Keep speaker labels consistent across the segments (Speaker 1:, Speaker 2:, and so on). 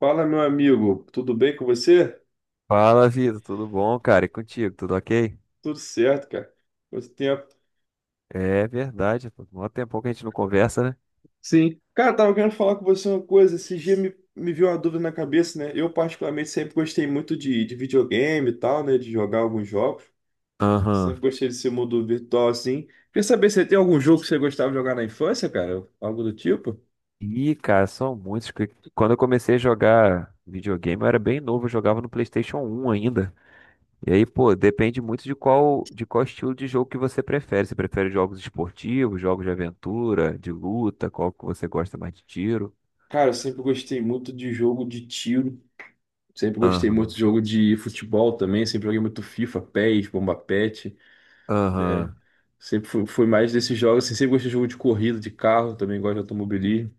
Speaker 1: Fala, meu amigo, tudo bem com você?
Speaker 2: Fala, Vitor, tudo bom, cara? E contigo, tudo ok?
Speaker 1: Tudo certo, cara. Quanto tempo.
Speaker 2: É verdade, pô. Mó tempão que a gente não conversa, né?
Speaker 1: Sim, cara, tava querendo falar com você uma coisa. Esse dia me veio uma dúvida na cabeça, né? Eu, particularmente, sempre gostei muito de videogame e tal, né? De jogar alguns jogos.
Speaker 2: Aham.
Speaker 1: Sempre gostei desse mundo virtual, assim. Quer saber se tem algum jogo que você gostava de jogar na infância, cara? Algo do tipo?
Speaker 2: Ih, cara, são muitos. Quando eu comecei a jogar videogame, eu era bem novo, eu jogava no PlayStation 1 ainda. E aí, pô, depende muito de qual estilo de jogo que você prefere. Você prefere jogos esportivos, jogos de aventura, de luta, qual que você gosta mais, de tiro?
Speaker 1: Cara, eu sempre gostei muito de jogo de tiro. Sempre gostei muito
Speaker 2: Aham.
Speaker 1: de jogo de futebol também. Sempre joguei muito FIFA, PES, Bomba patch, né?
Speaker 2: Aham.
Speaker 1: Sempre fui mais desses jogos, assim, sempre gostei de jogo de corrida, de carro, também gosto de automobilismo.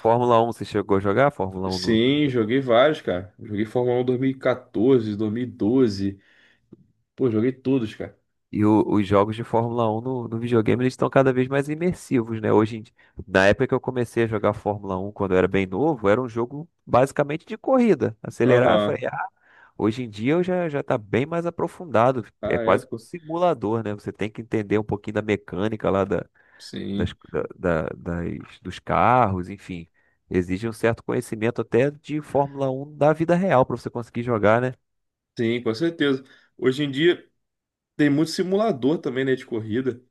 Speaker 2: Fórmula 1, você chegou a jogar? Fórmula 1.
Speaker 1: Sim, joguei vários, cara. Joguei Fórmula 1 2014, doze. Pô, joguei todos, cara.
Speaker 2: Os jogos de Fórmula 1 no videogame eles estão cada vez mais imersivos, né? Na época que eu comecei a jogar Fórmula 1, quando eu era bem novo, era um jogo basicamente de corrida, acelerar,
Speaker 1: Aham.
Speaker 2: frear. Hoje em dia eu já já está bem mais aprofundado, é
Speaker 1: Ah, é,
Speaker 2: quase que um
Speaker 1: pô.
Speaker 2: simulador, né? Você tem que entender um pouquinho da mecânica lá da, das,
Speaker 1: Sim.
Speaker 2: da- da- das- dos carros, enfim. Exige um certo conhecimento até de Fórmula 1 da vida real para você conseguir jogar, né?
Speaker 1: Sim, com certeza. Hoje em dia tem muito simulador também, né, de corrida.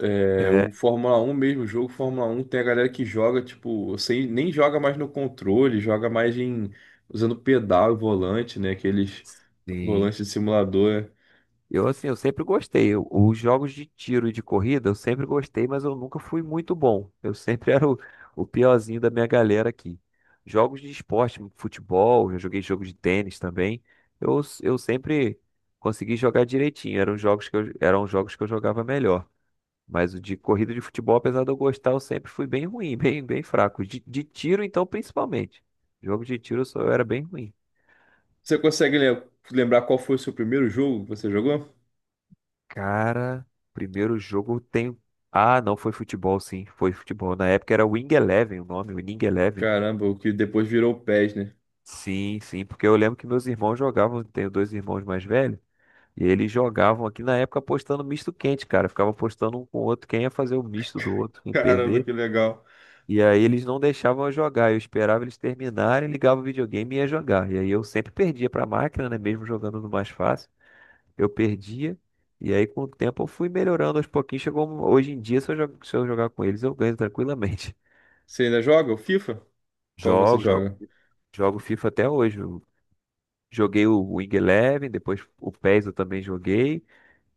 Speaker 1: É,
Speaker 2: É,
Speaker 1: o Fórmula um mesmo, o jogo Fórmula um tem a galera que joga, tipo, sem, nem joga mais no controle, joga mais em usando pedal e volante, né? Aqueles
Speaker 2: sim.
Speaker 1: volantes de simulador.
Speaker 2: Eu, assim, eu sempre gostei. Os jogos de tiro e de corrida eu sempre gostei, mas eu nunca fui muito bom. Eu sempre era o piorzinho da minha galera aqui. Jogos de esporte, futebol, eu joguei jogo de tênis também. Eu sempre consegui jogar direitinho. Eram jogos que eu jogava melhor. Mas o de corrida e de futebol, apesar de eu gostar, eu sempre fui bem ruim, bem fraco. De tiro, então, principalmente. Jogo de tiro eu era bem ruim.
Speaker 1: Você consegue lembrar qual foi o seu primeiro jogo que você jogou?
Speaker 2: Cara, primeiro jogo tem. Ah, não, foi futebol, sim, foi futebol. Na época era Wing Eleven o nome, Wing Eleven.
Speaker 1: Caramba, o que depois virou o PES, né?
Speaker 2: Sim, sim, porque eu lembro que meus irmãos jogavam, tenho dois irmãos mais velhos, e eles jogavam aqui na época apostando misto quente, cara. Ficava apostando um com o outro, quem ia fazer o misto do outro, quem
Speaker 1: Caramba,
Speaker 2: perder.
Speaker 1: que legal.
Speaker 2: E aí eles não deixavam eu jogar, eu esperava eles terminarem, ligava o videogame e ia jogar. E aí eu sempre perdia pra máquina, né, mesmo jogando no mais fácil. Eu perdia. E aí, com o tempo, eu fui melhorando aos pouquinhos. Hoje em dia, se eu jogar com eles, eu ganho tranquilamente.
Speaker 1: Você ainda joga o FIFA? Qual você
Speaker 2: Jogo, jogo,
Speaker 1: joga?
Speaker 2: jogo FIFA até hoje. Eu joguei o Wing Eleven, depois o PES eu também joguei.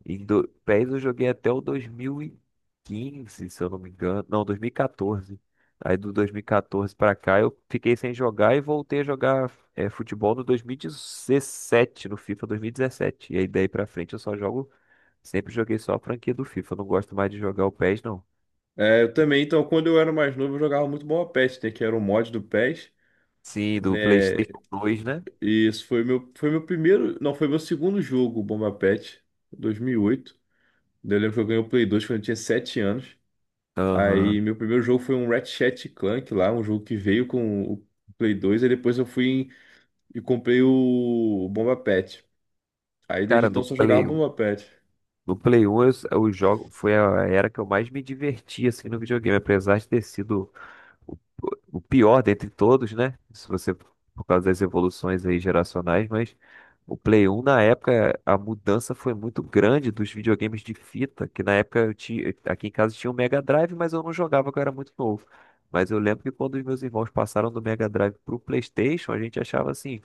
Speaker 2: PES eu joguei até o 2015, se eu não me engano. Não, 2014. Aí do 2014 pra cá eu fiquei sem jogar e voltei a jogar, futebol, no 2017, no FIFA 2017. E dezessete. E aí daí pra frente eu só jogo. Sempre joguei só a franquia do FIFA. Não gosto mais de jogar o PES, não.
Speaker 1: É, eu também, então, quando eu era mais novo, eu jogava muito Bomba PES, né? Que era um mod do PES,
Speaker 2: Sim, do
Speaker 1: né?
Speaker 2: PlayStation 2, né?
Speaker 1: E isso foi meu primeiro, não, foi meu segundo jogo, o Bomba PES, 2008. Daí eu lembro que eu ganhei o Play 2 quando eu tinha 7 anos. Aí,
Speaker 2: Aham.
Speaker 1: meu primeiro jogo foi um Ratchet Clank lá, um jogo que veio com o Play 2, e depois eu fui e comprei o Bomba Pet. Aí desde
Speaker 2: Cara, no
Speaker 1: então só jogava
Speaker 2: Play 1.
Speaker 1: Bomba Pet.
Speaker 2: No Play 1 eu jogo, foi a era que eu mais me diverti assim no videogame, apesar de ter sido o, o pior dentre todos, né? Se você, por causa das evoluções aí geracionais, mas o Play 1 na época a mudança foi muito grande dos videogames de fita, que na época eu tinha, aqui em casa tinha o Mega Drive, mas eu não jogava, que eu era muito novo. Mas eu lembro que quando os meus irmãos passaram do Mega Drive pro PlayStation, a gente achava assim,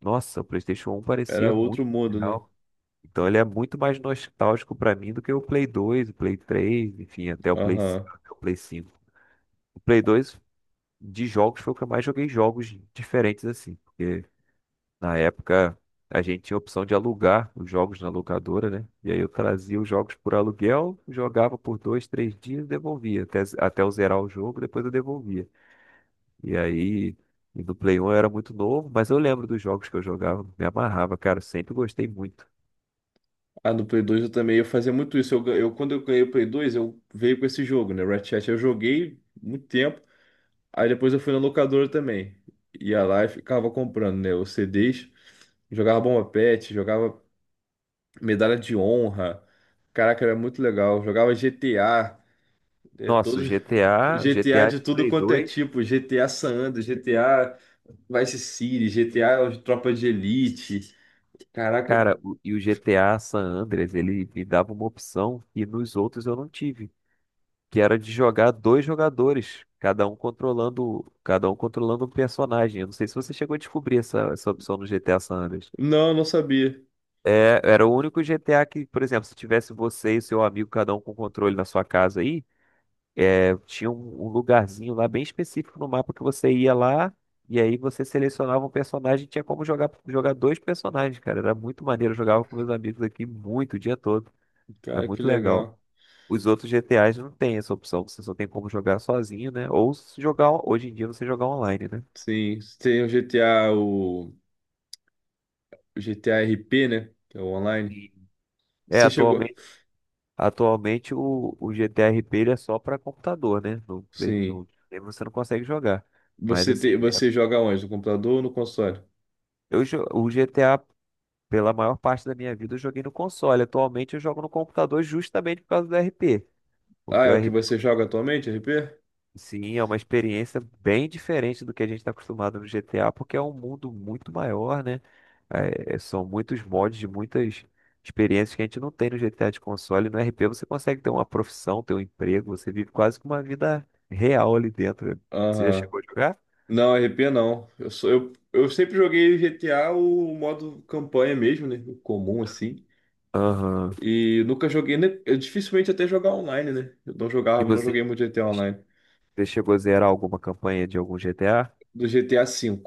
Speaker 2: nossa, o PlayStation um
Speaker 1: Era
Speaker 2: parecia muito
Speaker 1: outro mundo, né?
Speaker 2: legal. Então ele é muito mais nostálgico pra mim do que o Play 2, o Play 3, enfim, até o Play,
Speaker 1: Aham.
Speaker 2: até o Play Cinco. O Play 2 de jogos foi o que eu mais joguei jogos diferentes assim, porque na época a gente tinha a opção de alugar os jogos na locadora, né? E aí eu trazia os jogos por aluguel, jogava por dois, três dias, devolvia até eu zerar o jogo, depois eu devolvia. E aí, no Play 1 eu era muito novo, mas eu lembro dos jogos que eu jogava, me amarrava, cara, eu sempre gostei muito.
Speaker 1: Ah, no Play 2 eu também, eu fazia muito isso. Quando eu ganhei o Play 2, eu veio com esse jogo, né? Ratchet. Eu joguei muito tempo. Aí depois eu fui na locadora também. Ia lá e ficava comprando, né? Os CDs. Jogava Bomba Pet, jogava Medalha de Honra. Caraca, era muito legal. Jogava GTA. É,
Speaker 2: Nossa,
Speaker 1: todos...
Speaker 2: o GTA, o
Speaker 1: GTA
Speaker 2: GTA
Speaker 1: de
Speaker 2: de
Speaker 1: tudo
Speaker 2: Play
Speaker 1: quanto é
Speaker 2: dois,
Speaker 1: tipo. GTA San Andreas, GTA Vice City, GTA, Tropa de Elite. Caraca,
Speaker 2: cara. E o GTA San Andreas, ele me dava uma opção que nos outros eu não tive, que era de jogar dois jogadores, cada um controlando um personagem. Eu não sei se você chegou a descobrir essa, essa opção no GTA San Andreas.
Speaker 1: não, não sabia.
Speaker 2: É, era o único GTA que, por exemplo, se tivesse você e seu amigo, cada um com controle na sua casa aí, é, tinha um lugarzinho lá bem específico no mapa que você ia lá, e aí você selecionava um personagem, e tinha como jogar dois personagens, cara. Era muito maneiro, eu jogava com meus amigos aqui muito, o dia todo. Era
Speaker 1: Cara, que
Speaker 2: muito legal.
Speaker 1: legal.
Speaker 2: Os outros GTAs não tem essa opção, você só tem como jogar sozinho, né? Ou, se jogar, hoje em dia, você jogar online, né?
Speaker 1: Sim, tem o GTA, o GTA RP, né? Que é o online.
Speaker 2: Sim. É,
Speaker 1: Você chegou?
Speaker 2: atualmente o GTRP ele é só para computador, né? No, Play-
Speaker 1: Sim.
Speaker 2: no, aí você não consegue jogar. Mas
Speaker 1: Você
Speaker 2: assim,
Speaker 1: te...
Speaker 2: é-
Speaker 1: você joga onde? No computador ou no console?
Speaker 2: eu, jo- o GTA, pela maior parte da minha vida, eu joguei no console. Atualmente eu jogo no computador justamente por causa do RP.
Speaker 1: Ah,
Speaker 2: Porque o
Speaker 1: é o que
Speaker 2: RP,
Speaker 1: você joga atualmente, RP?
Speaker 2: sim, é uma experiência bem diferente do que a gente está acostumado no GTA, porque é um mundo muito maior, né? São muitos mods, de muitas experiências que a gente não tem no GTA de console. No RP você consegue ter uma profissão, ter um emprego, você vive quase que uma vida real ali dentro. Você já
Speaker 1: Aham.
Speaker 2: chegou a jogar?
Speaker 1: Não, RP não. Eu sempre joguei GTA o modo campanha mesmo, né? O comum assim.
Speaker 2: Aham.
Speaker 1: E nunca joguei, né? Eu dificilmente até jogar online, né? Eu não
Speaker 2: E
Speaker 1: jogava, não joguei
Speaker 2: você,
Speaker 1: muito GTA online.
Speaker 2: você chegou a zerar alguma campanha de algum GTA?
Speaker 1: Do GTA V.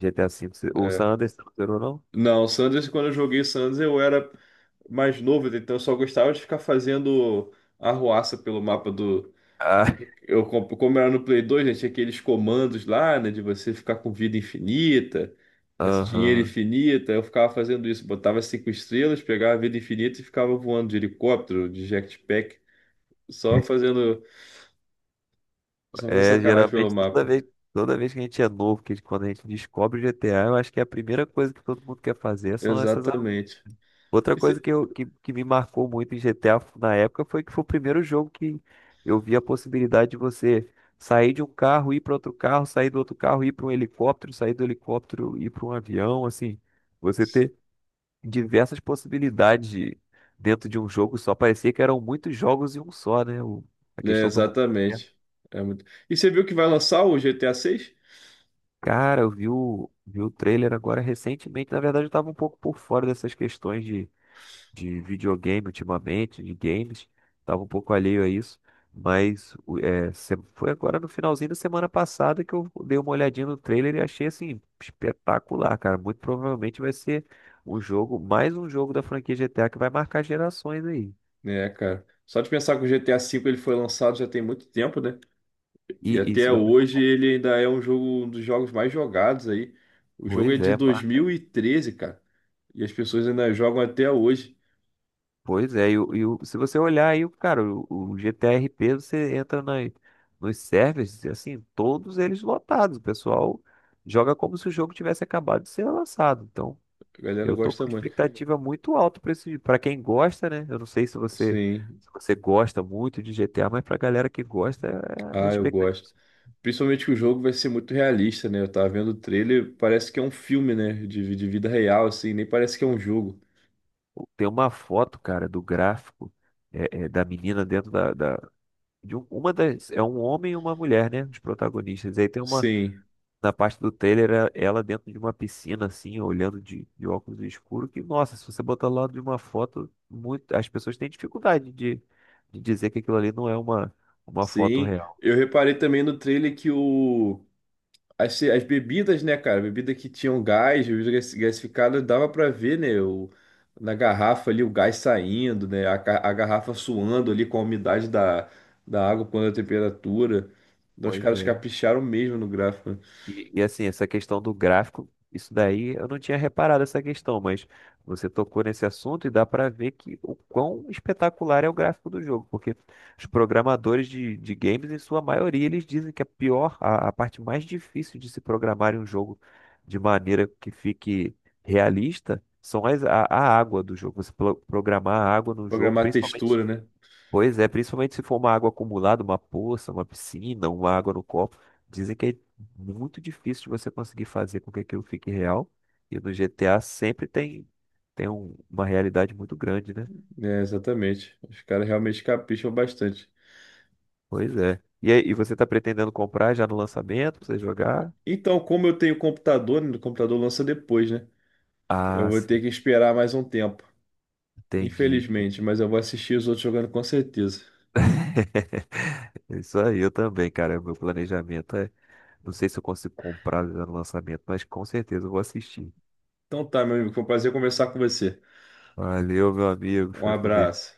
Speaker 2: GTA V? O
Speaker 1: É.
Speaker 2: San Andreas você não zerou, não?
Speaker 1: Não, San Andreas, quando eu joguei San eu era mais novo, então eu só gostava de ficar fazendo arruaça pelo mapa do.
Speaker 2: Ah,
Speaker 1: Eu, como era no Play 2, né, tinha aqueles comandos lá, né, de você ficar com vida infinita, esse dinheiro
Speaker 2: aham.
Speaker 1: infinita. Eu ficava fazendo isso, botava cinco estrelas, pegava vida infinita e ficava voando de helicóptero, de jetpack, só fazendo, só fazendo
Speaker 2: É,
Speaker 1: sacanagem pelo
Speaker 2: geralmente toda
Speaker 1: mapa.
Speaker 2: vez, toda vez que a gente é novo, que quando a gente descobre o GTA, eu acho que a primeira coisa que todo mundo quer fazer são essas.
Speaker 1: Exatamente.
Speaker 2: Outra
Speaker 1: E
Speaker 2: coisa que me marcou muito em GTA, na época, foi que foi o primeiro jogo que eu vi a possibilidade de você sair de um carro, ir para outro carro, sair do outro carro, ir para um helicóptero, sair do helicóptero, ir para um avião, assim, você ter diversas possibilidades dentro de um jogo só. Parecia que eram muitos jogos em um só, né? A
Speaker 1: É,
Speaker 2: questão do mundo aberto.
Speaker 1: exatamente. É muito... E você viu que vai lançar o GTA 6?
Speaker 2: Cara, eu vi o trailer agora recentemente. Na verdade, eu estava um pouco por fora dessas questões de videogame, ultimamente, de games, tava um pouco alheio a isso, foi agora no finalzinho da semana passada que eu dei uma olhadinha no trailer e achei assim espetacular, cara. Muito provavelmente vai ser mais um jogo da franquia GTA que vai marcar gerações aí.
Speaker 1: Né, cara. Só de pensar que o GTA 5 ele foi lançado já tem muito tempo, né?
Speaker 2: E
Speaker 1: E
Speaker 2: isso,
Speaker 1: até hoje ele ainda é um jogo, um dos jogos mais jogados aí. O jogo é
Speaker 2: pois
Speaker 1: de
Speaker 2: é,
Speaker 1: dois
Speaker 2: marca
Speaker 1: mil e treze cara. E as pessoas ainda jogam até hoje.
Speaker 2: Pois é. E, o, e, o- se você olhar aí, cara, o GTRP, você entra nos servers, assim, todos eles lotados. O pessoal joga como se o jogo tivesse acabado de ser lançado. Então,
Speaker 1: A galera
Speaker 2: eu tô
Speaker 1: gosta
Speaker 2: com
Speaker 1: muito.
Speaker 2: expectativa muito alta para esse, para quem gosta, né? Eu não sei se você,
Speaker 1: Sim.
Speaker 2: se você gosta muito de GTA, mas pra galera que gosta, é a
Speaker 1: Ah, eu
Speaker 2: expectativa.
Speaker 1: gosto. Principalmente que o jogo vai ser muito realista, né? Eu tava vendo o trailer, parece que é um filme, né? De vida real, assim, nem parece que é um jogo.
Speaker 2: Tem uma foto, cara, do gráfico, da menina dentro da uma das, é um homem e uma mulher, né? Os protagonistas. Aí tem uma,
Speaker 1: Sim.
Speaker 2: na parte do Taylor, é ela dentro de uma piscina, assim, olhando de óculos escuros, que, nossa, se você botar lá de uma foto, muito, as pessoas têm dificuldade de, dizer que aquilo ali não é uma foto
Speaker 1: Sim,
Speaker 2: real.
Speaker 1: eu reparei também no trailer que o as, as bebidas, né, cara, bebida que tinham gás, bebida gasificada, dava pra ver, né, o, na garrafa ali o gás saindo, né, a, a garrafa suando ali com a umidade da, da água quando é a temperatura. Então os
Speaker 2: Pois
Speaker 1: caras
Speaker 2: é.
Speaker 1: capricharam mesmo no gráfico, né?
Speaker 2: E, assim, essa questão do gráfico, isso daí eu não tinha reparado essa questão, mas você tocou nesse assunto e dá para ver que o quão espetacular é o gráfico do jogo, porque os programadores de games, em sua maioria, eles dizem que a pior, a parte mais difícil de se programar em um jogo de maneira que fique realista são as, a água do jogo. Você programar a água no jogo,
Speaker 1: Programar a textura,
Speaker 2: principalmente.
Speaker 1: né?
Speaker 2: Pois é, principalmente se for uma água acumulada, uma poça, uma piscina, uma água no copo. Dizem que é muito difícil de você conseguir fazer com que aquilo fique real. E no GTA sempre tem uma realidade muito grande, né?
Speaker 1: É, exatamente. Os caras realmente capricham bastante.
Speaker 2: Pois é. E, aí, e você está pretendendo comprar já no lançamento para você jogar?
Speaker 1: Então, como eu tenho computador, né, o computador lança depois, né? Eu
Speaker 2: Ah,
Speaker 1: vou ter
Speaker 2: sim,
Speaker 1: que esperar mais um tempo.
Speaker 2: entendi.
Speaker 1: Infelizmente, mas eu vou assistir os outros jogando com certeza.
Speaker 2: Isso aí, eu também, cara. Meu planejamento é. Não sei se eu consigo comprar já no lançamento, mas com certeza eu vou assistir.
Speaker 1: Então tá, meu amigo, foi um prazer conversar com você.
Speaker 2: Valeu, meu amigo.
Speaker 1: Um
Speaker 2: Fica com Deus.
Speaker 1: abraço.